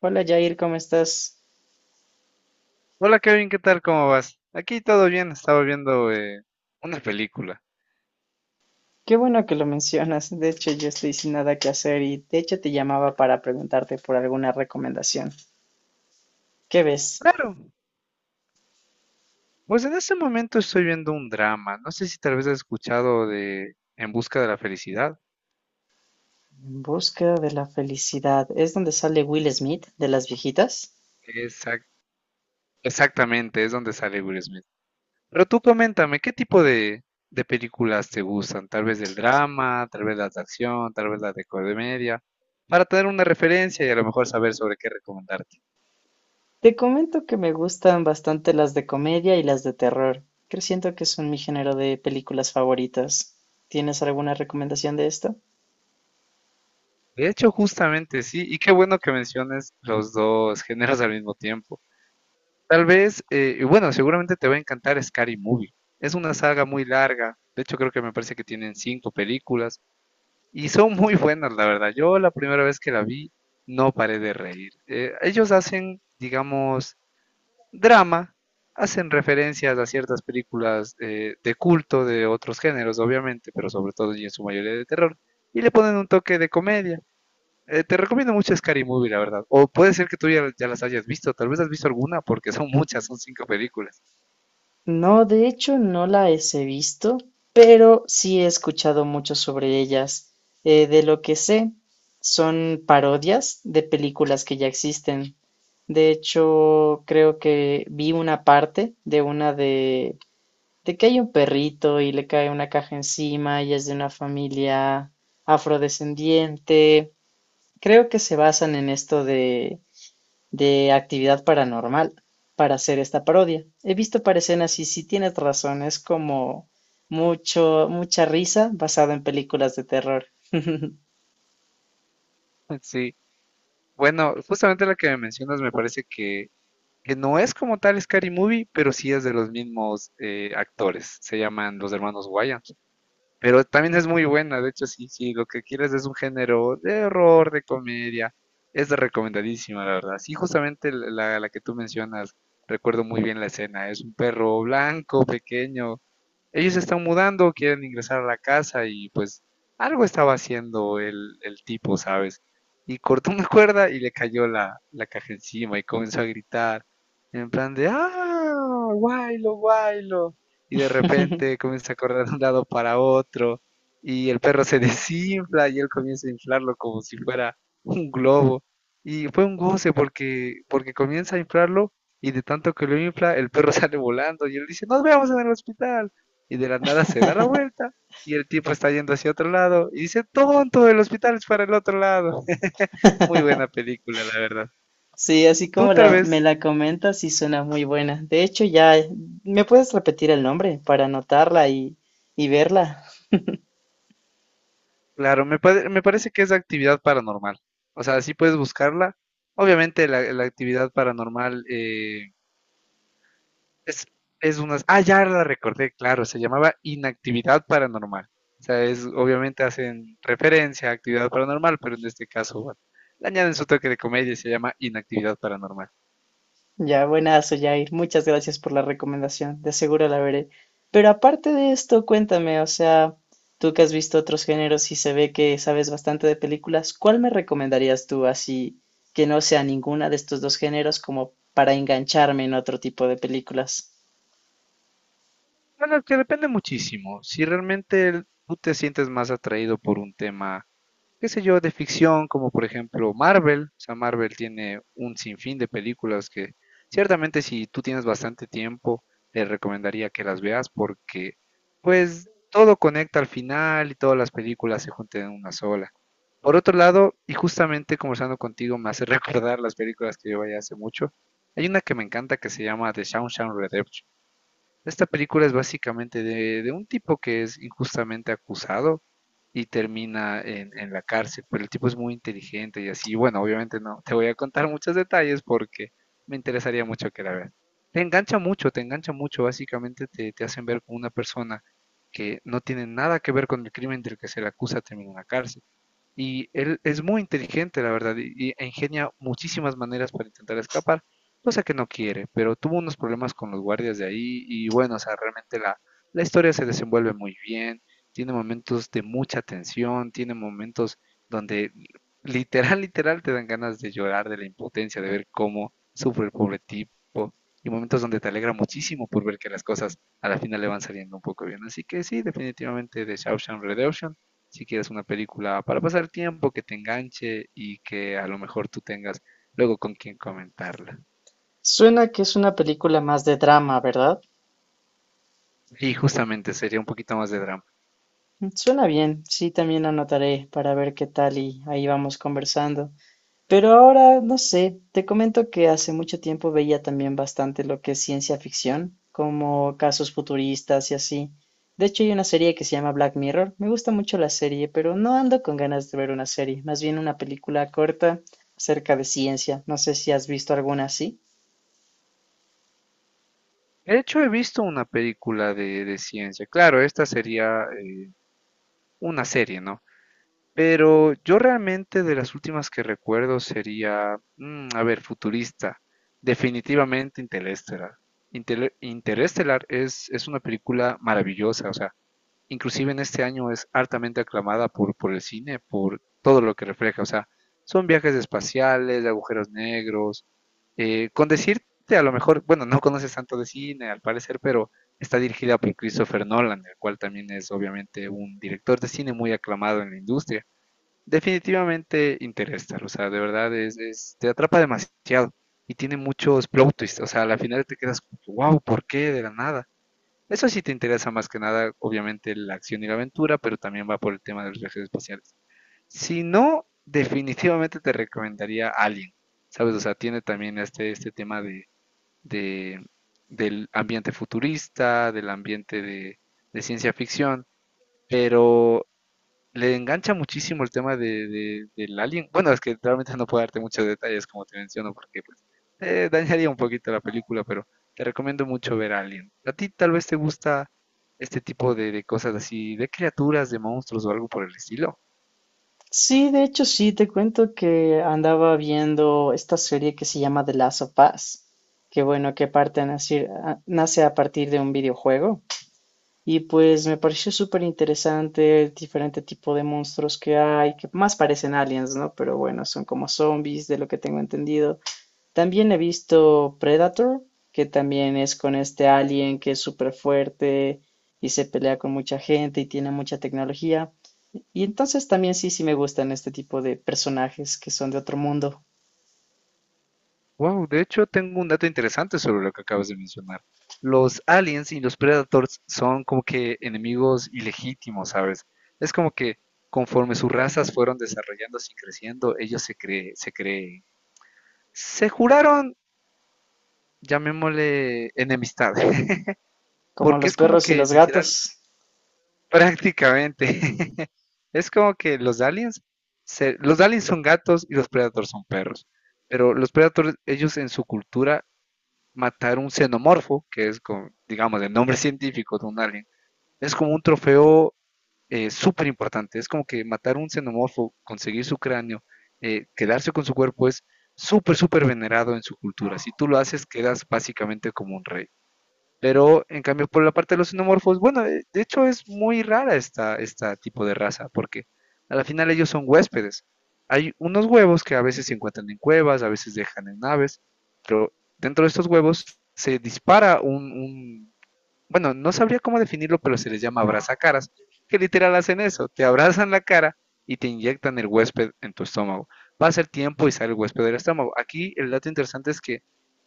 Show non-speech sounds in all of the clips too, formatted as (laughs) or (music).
Hola Jair, ¿cómo estás? Hola Kevin, ¿qué tal? ¿Cómo vas? Aquí todo bien, estaba viendo una película. Qué bueno que lo mencionas. De hecho, yo estoy sin nada que hacer y de hecho te llamaba para preguntarte por alguna recomendación. ¿Qué ves? Claro, pues en este momento estoy viendo un drama. No sé si tal vez has escuchado de En busca de la felicidad. En busca de la felicidad. ¿Es donde sale Will Smith de las viejitas? Exact- exactamente, es donde sale Will Smith. Pero tú coméntame, ¿qué tipo de películas te gustan? Tal vez del drama, tal vez las de acción, tal vez las de comedia, para tener una referencia y a lo mejor saber sobre qué recomendarte. Te comento que me gustan bastante las de comedia y las de terror. Creo siento que son mi género de películas favoritas. ¿Tienes alguna recomendación de esto? De hecho, justamente sí, y qué bueno que menciones los dos géneros al mismo tiempo. Tal vez, y bueno, seguramente te va a encantar Scary Movie. Es una saga muy larga. De hecho, creo que me parece que tienen cinco películas y son muy buenas, la verdad. Yo la primera vez que la vi no paré de reír. Ellos hacen, digamos, drama, hacen referencias a ciertas películas de culto de otros géneros, obviamente, pero sobre todo y en su mayoría de terror, y le ponen un toque de comedia. Te recomiendo mucho Scary Movie, la verdad. O puede ser que tú ya, ya las hayas visto, tal vez has visto alguna, porque son (laughs) muchas, son cinco películas. No, de hecho no las he visto, pero sí he escuchado mucho sobre ellas. De lo que sé, son parodias de películas que ya existen. De hecho, creo que vi una parte de que hay un perrito y le cae una caja encima y es de una familia afrodescendiente. Creo que se basan en de actividad paranormal para hacer esta parodia. He visto para escenas y sí tienes razón, es como mucha risa basada en películas de terror. (laughs) (laughs) Sí. Bueno, justamente la que me mencionas me parece que no es como tal Scary Movie, pero sí es de los mismos actores. Se llaman los hermanos Wayans. Pero también es muy buena, de hecho, sí, sí, lo que quieres es un género de horror, de comedia. Es recomendadísima, la verdad. Sí, justamente la que tú mencionas, recuerdo muy bien la escena. Es un perro blanco, pequeño, ellos se están mudando, quieren ingresar a la casa y pues algo estaba haciendo el tipo, ¿sabes? Y cortó una (laughs) cuerda y le cayó la caja encima y comenzó a gritar en plan de, ah, guaylo, guaylo. Y de repente comienza a correr de un lado para otro y el perro se (laughs) desinfla y él comienza a inflarlo como si fuera un globo. Y fue un goce porque comienza a inflarlo y de tanto que lo infla, el perro (laughs) sale volando y él dice, nos vemos en el hospital y de la nada se da la vuelta y el tipo está yendo hacia otro lado y dice, tonto, el hospital es para el otro lado. (laughs) Muy buena película, la verdad. Sí, así Tú como tal me vez, la comentas, sí suena muy buena. ¿Me puedes repetir el nombre para y verla? claro, me, me parece que es actividad paranormal. O sea, sí puedes buscarla. Obviamente la actividad paranormal es, es una... Ah, ya la recordé, claro, se llamaba inactividad paranormal. O sea, es, obviamente hacen referencia a actividad paranormal, pero en este caso, bueno, le añaden su toque de comedia y se llama inactividad paranormal. Ya, buenazo, Jair. Muchas gracias por la recomendación. De seguro la veré. Pero aparte de esto, cuéntame, o sea, tú que has visto otros géneros y se ve que sabes bastante de películas, ¿cuál me recomendarías tú así que no sea ninguna de estos dos géneros como para engancharme en otro tipo de películas? Bueno, que depende muchísimo. Si realmente tú te sientes más atraído por un tema, qué sé yo, de ficción, como por ejemplo Marvel, o sea, Marvel tiene un sinfín de películas que ciertamente si tú tienes bastante tiempo, te recomendaría que las veas porque pues todo conecta al final y todas las películas se juntan en una sola. Por otro lado, y justamente conversando contigo me hace (laughs) recordar las películas que yo veía hace mucho, hay una que me encanta que se llama The Shawshank Redemption. Esta película es básicamente de un tipo que es injustamente acusado y termina en la cárcel, pero el tipo es muy inteligente y así. Y bueno, obviamente no te voy a contar muchos detalles porque me interesaría mucho que la veas. Te engancha mucho, básicamente te, te hacen ver como una persona que no tiene nada que ver con el crimen del que se le acusa termina en la cárcel. Y él es muy inteligente, la verdad, y e ingenia muchísimas maneras para intentar escapar, cosa que no quiere, pero tuvo unos problemas con los guardias de ahí y bueno, o sea, realmente la historia se desenvuelve muy bien, tiene momentos de mucha tensión, tiene momentos donde literal, literal te dan ganas de llorar de la impotencia, de ver cómo sufre el pobre tipo y momentos donde te alegra muchísimo por ver que las cosas a la final le van saliendo un poco bien. Así que sí, definitivamente The Shawshank Redemption, si quieres una película para pasar tiempo, que te enganche y que a lo mejor tú tengas luego con quien comentarla. Suena que es una película más de drama, ¿verdad? Y justamente sería un poquito más de drama. Mm, suena bien. Sí, también anotaré para ver qué tal y ahí vamos conversando. Pero ahora, no sé, te comento que hace mucho tiempo veía también bastante lo que es ciencia ficción, como casos futuristas y así. De hecho, hay una serie que se llama Black Mirror. Me gusta mucho la serie, pero no ando con ganas de ver una serie, más bien una película corta acerca de ciencia. No sé si has visto alguna así. De hecho, he visto una película de ciencia. Claro, esta sería una serie, ¿no? Pero yo realmente de las últimas que recuerdo sería, a ver, futurista, definitivamente Interestelar. Interestelar es una película maravillosa, o sea, inclusive en este año es altamente aclamada por el cine, por todo lo que refleja, o sea, son viajes espaciales, agujeros negros, con decirte, a lo mejor, bueno, no conoces tanto de cine al parecer, pero está dirigida por Christopher Nolan, el cual también es obviamente un director de cine muy aclamado en la industria. Definitivamente Interstellar, o sea, de verdad te atrapa demasiado y tiene muchos plot twists, o sea, al final te quedas como, wow, ¿por qué de la nada? Eso sí te interesa más que nada, obviamente, la acción y la aventura, pero también va por el tema de los viajes espaciales. Si no, definitivamente te recomendaría Alien, ¿sabes? O sea, tiene también este tema de, de- del ambiente futurista, del ambiente de ciencia ficción, pero le engancha muchísimo el tema de, del alien. Bueno, es que realmente no puedo darte muchos detalles, como te menciono, porque pues dañaría un poquito la película, pero te recomiendo mucho ver Alien. A ti tal vez te gusta este tipo de cosas así, de criaturas, de monstruos o algo por el estilo. Sí, de hecho sí, te cuento que andaba viendo esta serie que se llama The Last of Us, que bueno, que parte a nacir- a- nace a partir de un videojuego. Y pues me pareció súper interesante el diferente tipo de monstruos que hay, que más parecen aliens, ¿no? Pero bueno, son como zombies, de lo que tengo entendido. También he visto Predator, que también es con este alien que es súper fuerte y se pelea con mucha gente y tiene mucha tecnología. Y entonces también sí, me gustan este tipo de personajes que son de otro mundo, Wow, de hecho tengo un dato interesante sobre lo que acabas de mencionar. Los aliens y los predators son como que enemigos ilegítimos, ¿sabes? Es como que conforme sus razas fueron desarrollándose y creciendo, ellos se creen se juraron, llamémosle enemistad, (laughs) como porque los es como perros y que los literal, gatos. prácticamente, (laughs) es como que los aliens son gatos y los predators son perros, pero los predators, ellos en su cultura, matar un xenomorfo, que es, como, digamos, el nombre científico de un alien, es como un trofeo súper importante, es como que matar un xenomorfo, conseguir su cráneo, quedarse con su cuerpo es súper, súper venerado en su cultura. Si tú lo haces, quedas básicamente como un rey. Pero en cambio, por la parte de los xenomorfos, bueno, de hecho es muy rara esta tipo de raza, porque a la final ellos son huéspedes. Hay unos huevos que a veces se encuentran en cuevas, a veces dejan en naves, pero dentro de estos huevos se dispara un bueno, no sabría cómo definirlo, pero se les llama abrazacaras, que literal hacen eso, te abrazan la cara y te inyectan el huésped en tu estómago. Va a ser tiempo y sale el huésped del estómago. Aquí el dato interesante es que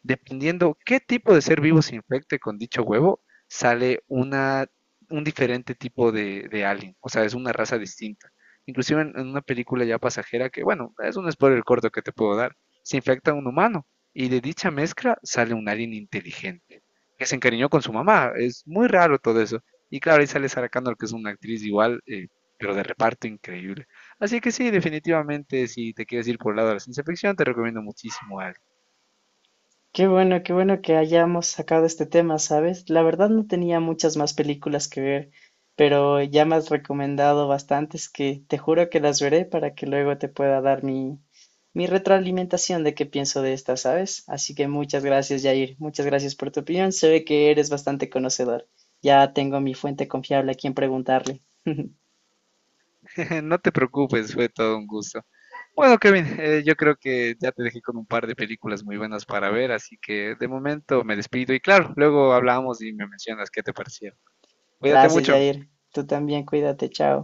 dependiendo qué tipo de ser vivo se infecte con dicho huevo, sale una, un diferente tipo de alien, o sea, es una raza distinta. Inclusive en una película ya pasajera que, bueno, es un spoiler corto que te puedo dar, se infecta un humano y de dicha mezcla sale un alien inteligente que se encariñó con su mamá. Es muy raro todo eso. Y claro, ahí sale Sarah Connor, que es una actriz igual, pero de reparto increíble. Así que sí, definitivamente, si te quieres ir por el lado de la ciencia ficción, te recomiendo muchísimo algo. Qué bueno, que hayamos sacado este tema, ¿sabes? La verdad no tenía muchas más películas que ver, pero ya me has recomendado bastantes que te juro que las veré para que luego te pueda dar mi retroalimentación de qué pienso de estas, ¿sabes? Así que muchas gracias, Jair. Muchas gracias por tu opinión. Se ve que eres bastante conocedor. Ya tengo mi fuente confiable a quien preguntarle. (laughs) (laughs) No te preocupes, fue todo un gusto. Bueno, Kevin, yo creo que ya te dejé con un par de películas muy buenas para ver, así que de momento me despido y claro, luego hablamos y me mencionas qué te parecieron. Cuídate Gracias, mucho. Jair. Tú también, cuídate, chao.